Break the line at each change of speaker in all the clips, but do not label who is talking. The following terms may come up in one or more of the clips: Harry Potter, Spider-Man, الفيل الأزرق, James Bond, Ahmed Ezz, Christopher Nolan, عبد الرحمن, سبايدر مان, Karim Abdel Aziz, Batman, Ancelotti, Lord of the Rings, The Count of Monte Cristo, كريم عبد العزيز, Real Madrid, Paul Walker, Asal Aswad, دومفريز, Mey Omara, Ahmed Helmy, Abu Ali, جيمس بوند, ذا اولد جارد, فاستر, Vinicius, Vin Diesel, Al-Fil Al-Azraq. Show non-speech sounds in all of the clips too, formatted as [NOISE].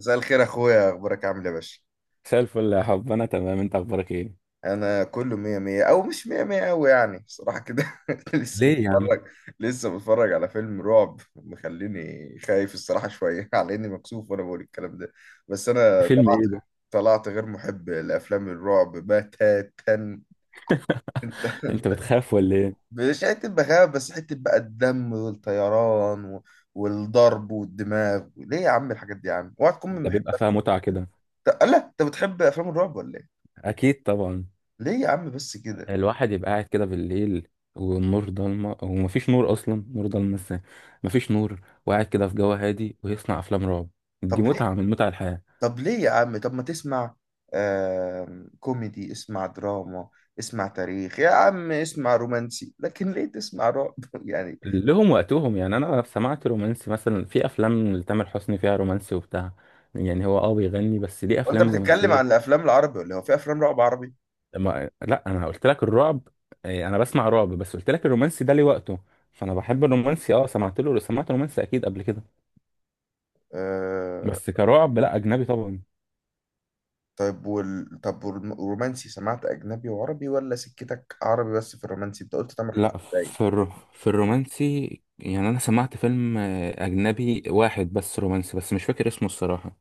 مساء الخير اخويا، اخبارك عامل ايه يا باشا؟
مساء الفل يا حب، انا تمام. انت اخبارك ايه؟
انا كله مية مية، او مش مية مية اوي يعني بصراحة كده. [LAUGHS] لسه
ليه يا عم؟
متفرج لسه متفرج على فيلم رعب مخليني خايف الصراحة شوية، [LAUGHS] على اني مكسوف وانا بقول الكلام ده. بس انا
فيلم ايه ده؟
طلعت غير محب لافلام الرعب بتاتا.
[LAUGHS]
انت
انت
[LAUGHS]
بتخاف ولا ايه؟
مش حتة بخاف، بس حتة بقى الدم والطيران والضرب والدماغ. ليه يا عم الحاجات دي يا عم؟ اوعى تكون من
ده
محب
بيبقى فيها متعة كده.
لا انت بتحب افلام الرعب ولا ايه؟
اكيد طبعا.
ليه يا عم بس كده؟
الواحد يبقى قاعد كده بالليل والنور ضلمة، ومفيش نور. اصلا نور ضلمة ازاي؟ مفيش نور، وقاعد كده في جو هادي ويصنع افلام رعب. دي
طب
متعة
ليه
من متع الحياة.
طب ليه يا عم، طب ما تسمع كوميدي، اسمع دراما، اسمع تاريخ يا عم، اسمع رومانسي، لكن ليه تسمع رعب [LAUGHS] يعني؟
لهم وقتهم. يعني انا سمعت رومانسي مثلا، في افلام لتامر حسني فيها رومانسي وبتاع. يعني هو بيغني، بس ليه
وانت
افلام
بتتكلم عن
رومانسية؟
الافلام العربي ولا إيه؟ هو في افلام رعب عربي؟
ما... لا، انا قلت لك الرعب. إيه، انا بسمع رعب. بس قلت لك الرومانسي ده ليه وقته. فانا بحب الرومانسي، اه، سمعت له. سمعت رومانسي اكيد قبل كده.
آه.
بس كرعب، لا، اجنبي طبعا.
طيب طب والرومانسي، سمعت اجنبي وعربي ولا سكتك عربي بس في الرومانسي؟ انت قلت تامر
لا.
حسني باين.
في الر... في الرومانسي. يعني انا سمعت فيلم اجنبي واحد، بس رومانسي، بس مش فاكر اسمه الصراحة.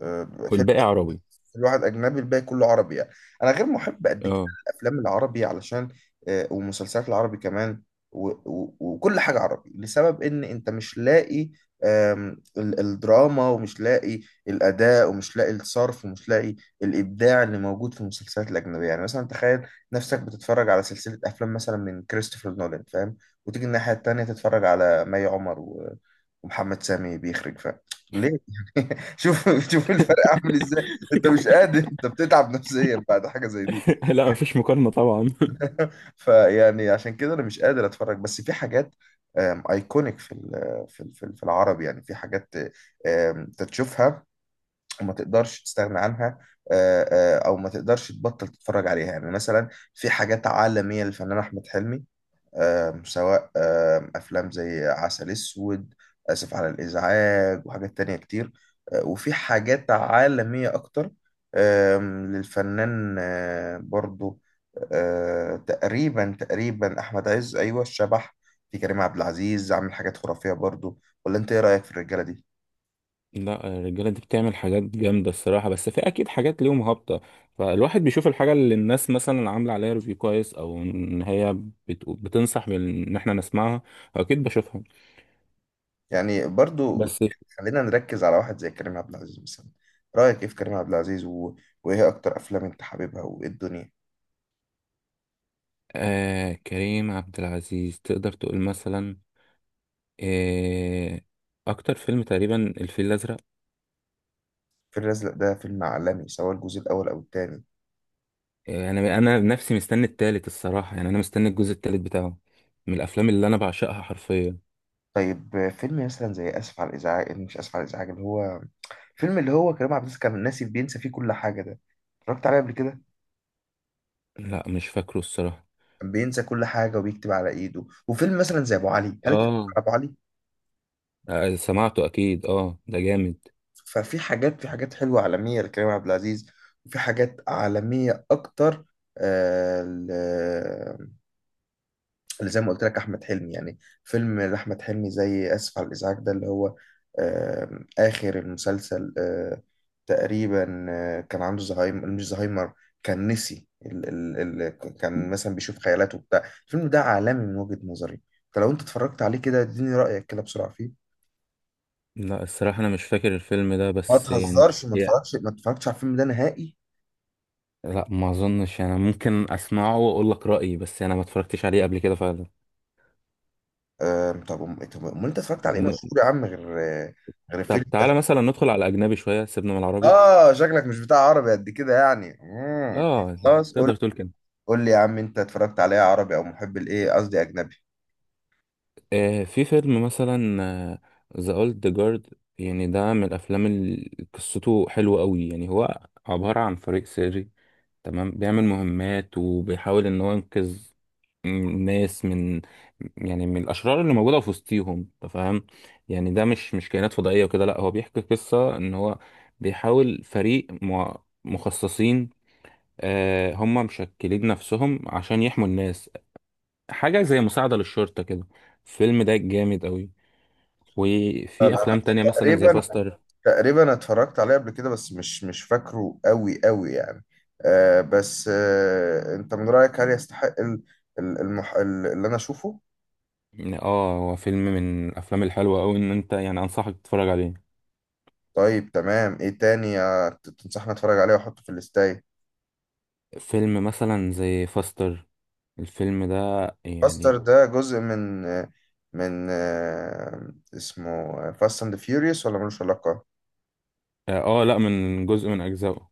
آه.
والباقي عربي.
الواحد اجنبي، الباقي كله عربي يعني. انا غير محب قد كده
اه.
الافلام العربي، علشان ومسلسلات العربي كمان، وكل حاجه عربي لسبب ان انت مش لاقي الدراما، ومش لاقي الاداء، ومش لاقي الصرف، ومش لاقي الابداع اللي موجود في المسلسلات الاجنبيه. يعني مثلا تخيل نفسك بتتفرج على سلسله افلام مثلا من كريستوفر نولان، فاهم، وتيجي الناحيه التانيه تتفرج على ومحمد سامي بيخرج، فاهم؟ ليه؟ [LAUGHS] شوف شوف الفرق عامل ازاي. انت مش قادر، انت بتتعب نفسيا بعد حاجه زي دي.
[LAUGHS] لا، مفيش مقارنة طبعا.
فيعني عشان كده انا مش قادر اتفرج. بس في حاجات ايكونيك في العرب، يعني في حاجات تشوفها وما تقدرش تستغنى عنها، او ما تقدرش تبطل تتفرج عليها. يعني مثلا في حاجات عالميه للفنان احمد حلمي، سواء أفلام زي عسل أسود، آسف على الإزعاج، وحاجات تانية كتير. وفي حاجات عالمية أكتر للفنان برضو تقريبا تقريبا أحمد عز، أيوة، الشبح. في كريم عبد العزيز عامل حاجات خرافية برضو، ولا أنت إيه رأيك في الرجالة دي؟
لا، الرجالة دي بتعمل حاجات جامدة الصراحة. بس في أكيد حاجات ليهم هابطة. فالواحد بيشوف الحاجة اللي الناس مثلا عاملة عليها ريفيو كويس، أو إن هي بتنصح إن إحنا نسمعها. أكيد بشوفها.
يعني برضو
بس...
خلينا نركز على واحد زي كريم عبد العزيز مثلا، رأيك إيه في كريم عبد العزيز وإيه أكتر أفلام أنت حاببها وإيه الدنيا؟
كريم عبد العزيز، تقدر تقول مثلا. آه أكتر فيلم تقريبا الفيل الأزرق.
الفيل الأزرق ده فيلم عالمي سواء الجزء الأول أو التاني.
أنا نفسي مستني التالت الصراحة. يعني أنا مستني الجزء التالت بتاعه. من الأفلام اللي أنا بعشقها حرفيا.
طيب فيلم مثلا زي آسف على الإزعاج، مش آسف على الإزعاج، اللي هو فيلم اللي هو كريم عبد العزيز كان ناسي، بينسى فيه كل حاجة ده، اتفرجت عليه قبل كده؟
لا، مش فاكره الصراحة.
كان بينسى كل حاجة وبيكتب على إيده. وفيلم مثلا زي أبو علي، هل اتفرجت
اه،
على أبو علي؟
سمعته اكيد. اه، ده جامد.
ففي حاجات في حاجات حلوة عالمية لكريم عبد العزيز. وفي حاجات عالمية أكتر آه، ل- اللي زي ما قلت لك احمد حلمي. يعني فيلم لاحمد حلمي زي اسف على الازعاج ده، اللي هو اخر المسلسل تقريبا كان عنده زهايمر، مش زهايمر، كان نسي ال ال ال كان مثلا بيشوف خيالاته وبتاع. الفيلم ده عالمي من وجهة نظري، فلو انت اتفرجت عليه كده اديني رايك كده بسرعه فيه.
لا، الصراحة انا مش فاكر الفيلم ده،
ما
بس يعني...
تهزرش،
يا-
ما اتفرجتش على الفيلم ده نهائي؟
لا، ما اظنش. انا ممكن اسمعه واقول لك رأيي، بس انا ما اتفرجتش عليه قبل كده فعلا.
طب امال انت اتفرجت على ايه
ن-
مشهور يا عم، غير غير
طب
فيلم؟
تعالى مثلا ندخل على الاجنبي شوية، سيبنا من العربي.
اه شكلك مش بتاع عربي قد كده يعني.
اه،
خلاص قول.
تقدر تقول كده.
قول لي يا عم، انت اتفرجت عليها عربي او محب الايه، قصدي اجنبي؟
في فيلم مثلا، ذا اولد جارد. يعني ده من الافلام اللي قصته حلوة قوي. يعني هو عبارة عن فريق سري تمام، بيعمل مهمات وبيحاول ان هو ينقذ الناس من، يعني من الاشرار اللي موجوده في وسطيهم، أنت فاهم؟ يعني ده مش كائنات فضائيه وكده. لا، هو بيحكي قصه ان هو بيحاول فريق مخصصين. هم مشكلين نفسهم عشان يحموا الناس. حاجه زي مساعده للشرطه كده. الفيلم ده جامد قوي. وفي
انا
افلام تانية مثلا زي
تقريبا
فاستر.
تقريبا اتفرجت عليه قبل كده، بس مش فاكره قوي قوي يعني. آه، بس آه، انت من رايك هل يستحق اللي انا اشوفه؟
اه هو فيلم من الافلام الحلوه قوي، ان انت يعني انصحك تتفرج عليه.
طيب تمام، ايه تاني تنصحني اتفرج عليه واحطه في الاستاي؟
فيلم مثلا زي فاستر، الفيلم ده
فاستر
يعني
ده جزء من اسمه فاست اند فيوريوس ولا ملوش علاقة؟
لا، من جزء من اجزائه.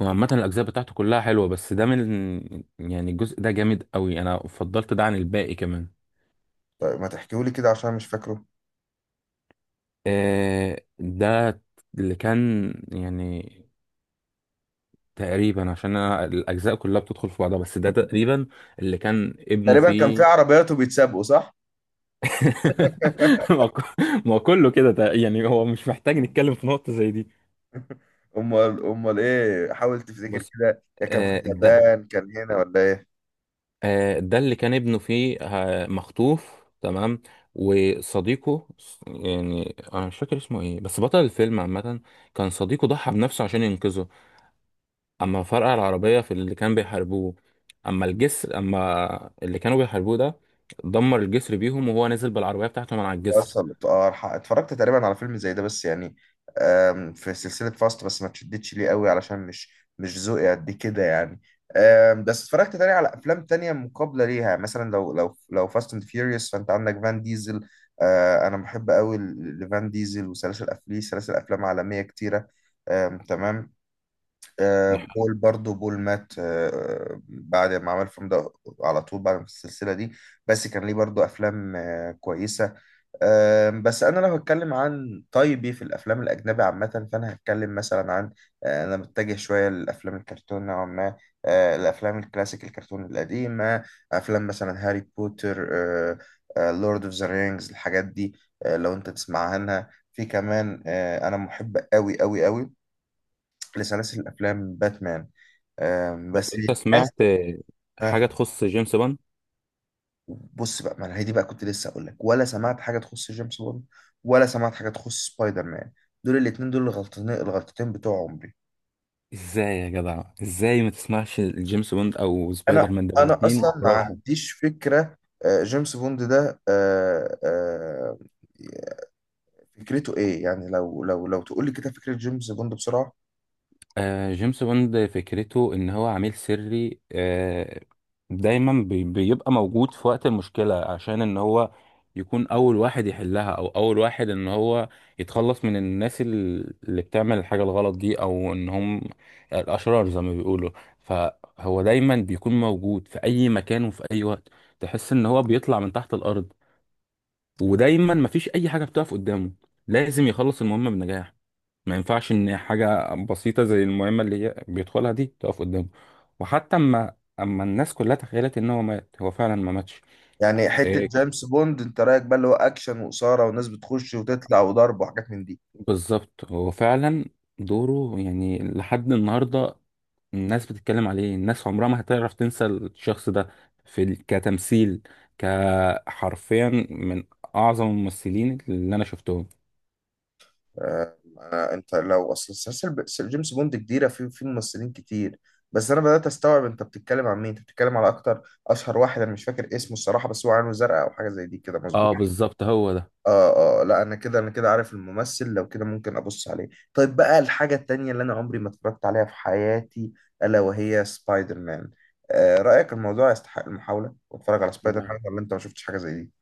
وعامة الاجزاء بتاعته كلها حلوة. بس ده من، يعني الجزء ده جامد قوي. انا فضلت ده عن الباقي كمان.
طيب ما تحكيهولي كده عشان مش فاكره.
ده اللي كان، يعني تقريبا عشان انا الاجزاء كلها بتدخل في بعضها. بس ده تقريبا اللي كان ابنه
تقريبا كان في
فيه.
عربيات وبيتسابقوا، صح؟
[LAUGHS]
[LAUGHS]
ما هو كله كده. يعني هو مش محتاج نتكلم في نقطة زي دي.
امال ايه، حاول تفتكر
بص.
كده، يا كان في
آه، ده
اليابان، كان هنا ولا ايه؟
ده اللي كان ابنه فيه، مخطوف تمام. وصديقه، يعني انا مش فاكر اسمه ايه، بس بطل الفيلم عامة كان صديقه. ضحى بنفسه عشان ينقذه. اما فرقع العربية في اللي كان بيحاربوه. اما اللي كانوا بيحاربوه ده، دمر الجسر بيهم، وهو نزل بالعربية بتاعته من على الجسر.
وصل. اه اتفرجت تقريبا على فيلم زي ده بس يعني في سلسلة فاست، بس ما تشدتش ليه قوي علشان مش ذوقي قد كده يعني. بس اتفرجت تاني على افلام تانية مقابلة ليها. مثلا لو فاست اند فيوريوس، فانت عندك فان ديزل. انا بحب قوي لفان ديزل وسلاسل ليه سلاسل افلام عالمية كتيرة تمام.
نح-
بول، برضو بول مات بعد ما عمل الفيلم ده على طول، بعد ما السلسلة دي، بس كان ليه برضو أفلام كويسة. بس أنا لو هتكلم عن طيبي في الأفلام الأجنبي عامة، فأنا هتكلم مثلا عن أنا متجه شوية للأفلام الكرتون نوعا ما، الأفلام الكلاسيك الكرتون القديمة، أفلام مثلا هاري بوتر، لورد أوف ذا رينجز، الحاجات دي. لو أنت تسمع عنها، في كمان أنا محب أوي أوي أوي لسلاسل الأفلام باتمان
لو
بس
انت سمعت
للأسف.
حاجة
آه،
تخص جيمس بوند.
بص بقى، ما أنا هي دي بقى كنت لسه اقول لك. ولا سمعت حاجه تخص جيمس بوند؟ ولا سمعت حاجه تخص سبايدر مان؟ دول الاثنين دول الغلطتين بتوع عمري.
ازاي يا جدع؟ ازاي ما تسمعش جيمس بوند او سبايدر
انا
مان؟ ده
انا
الاتنين
اصلا ما
خرافة.
عنديش فكره. جيمس بوند ده فكرته ايه يعني، لو تقول لي كده فكره جيمس بوند بسرعه؟
جيمس بوند فكرته ان هو عميل سري. دايما بيبقى موجود في وقت المشكلة، عشان ان هو يكون اول واحد يحلها، او اول واحد ان هو يتخلص من الناس اللي بتعمل الحاجة الغلط دي، او ان هم الاشرار زي ما بيقولوا. فهو دايما بيكون موجود في اي مكان وفي اي وقت. تحس ان هو بيطلع من تحت الارض. ودايما مفيش اي حاجة بتقف قدامه، لازم يخلص المهمة بنجاح. ما ينفعش ان حاجه بسيطه زي المهمه اللي هي بيدخلها دي تقف قدامه. وحتى اما الناس كلها تخيلت ان هو مات، هو فعلا ما ماتش.
يعني حته
إيه،
جيمس بوند انت رايك بقى اللي هو اكشن واثاره وناس بتخش وتطلع وضرب وحاجات من دي؟
بالظبط. هو فعلا دوره يعني لحد النهارده الناس بتتكلم عليه. الناس عمرها ما هتعرف تنسى الشخص ده. كتمثيل، كحرفيا من اعظم الممثلين اللي انا شفتهم.
انت لو اصل سلسلة جيمس بوند كبيره، في ممثلين كتير. بس انا بدات استوعب انت بتتكلم عن مين. انت بتتكلم على اكتر اشهر واحد، انا مش فاكر اسمه الصراحه، بس هو عينه زرقاء او حاجه زي دي كده، مظبوط؟
اه، بالظبط هو ده.
اه، اه، لا انا كده، انا كده عارف الممثل، لو كده ممكن ابص عليه. طيب بقى الحاجه التانية اللي انا عمري ما اتفرجت عليها في حياتي، الا وهي سبايدر مان. آه، رايك الموضوع يستحق المحاوله واتفرج على سبايدر مان،
لا.
ولا انت ما شفتش حاجه زي دي؟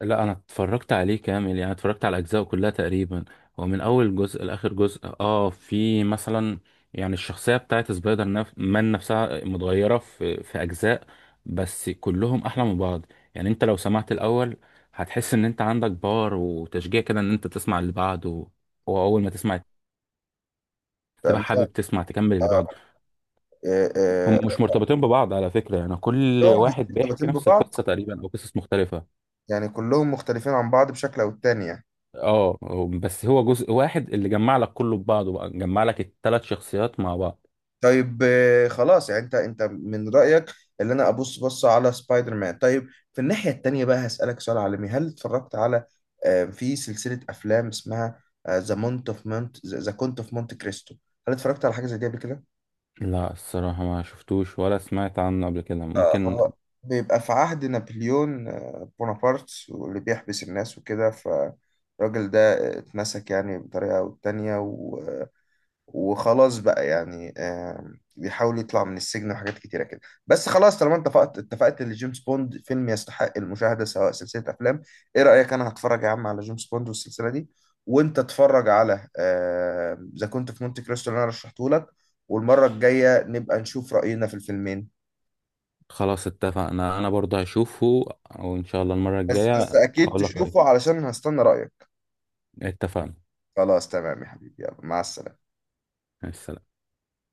لا، انا اتفرجت عليه كامل. يعني اتفرجت على اجزائه كلها تقريبا. هو من اول جزء لاخر جزء. اه في مثلا يعني الشخصيه بتاعت سبايدر مان نفسها متغيره في اجزاء. بس كلهم احلى من بعض. يعني انت لو سمعت الاول، هتحس ان انت عندك باور وتشجيع كده ان انت تسمع اللي بعده. واول ما تسمع، تبقى
تمام.
حابب تسمع تكمل اللي بعده.
آه، آه،
هم
آه،
مش مرتبطين ببعض على فكره. يعني كل
كلهم
واحد
[LAUGHS]
بيحكي
مرتبطين
نفس
ببعض،
القصه تقريبا او قصص مختلفه.
يعني كلهم مختلفين عن بعض بشكل او التاني يعني.
بس هو جزء واحد اللي جمع لك كله ببعضه بقى، جمع لك الثلاث شخصيات مع بعض.
طيب خلاص يعني انت من رأيك اللي انا ابص بصة على سبايدر مان. طيب في الناحية التانية بقى هسألك سؤال عالمي، هل اتفرجت على في سلسلة افلام اسمها ذا كونت اوف مونت كريستو؟ هل اتفرجت على حاجة زي دي قبل كده؟
لا، الصراحة ما شفتوش ولا سمعت عنه قبل كده. ممكن.
هو بيبقى في عهد نابليون بونابرت، واللي بيحبس الناس وكده. فالراجل ده اتمسك يعني بطريقة أو التانية وخلاص بقى يعني بيحاول يطلع من السجن، وحاجات كتيرة كده. بس خلاص طالما انت اتفقت ان جيمس بوند فيلم يستحق المشاهدة سواء سلسلة أفلام، إيه رأيك؟ أنا هتفرج يا عم على جيمس بوند والسلسلة دي، وأنت اتفرج على ذا كنت في مونتي كريستو اللي أنا رشحته لك، والمرة الجاية نبقى نشوف رأينا في الفيلمين.
خلاص، اتفقنا. انا برضه هشوفه، وان شاء الله المرة
بس
الجاية
اكيد
هقول لك رأيي.
تشوفه علشان هستنى رأيك.
اتفقنا.
خلاص تمام يا حبيبي، يلا مع السلامة.
مع السلامة.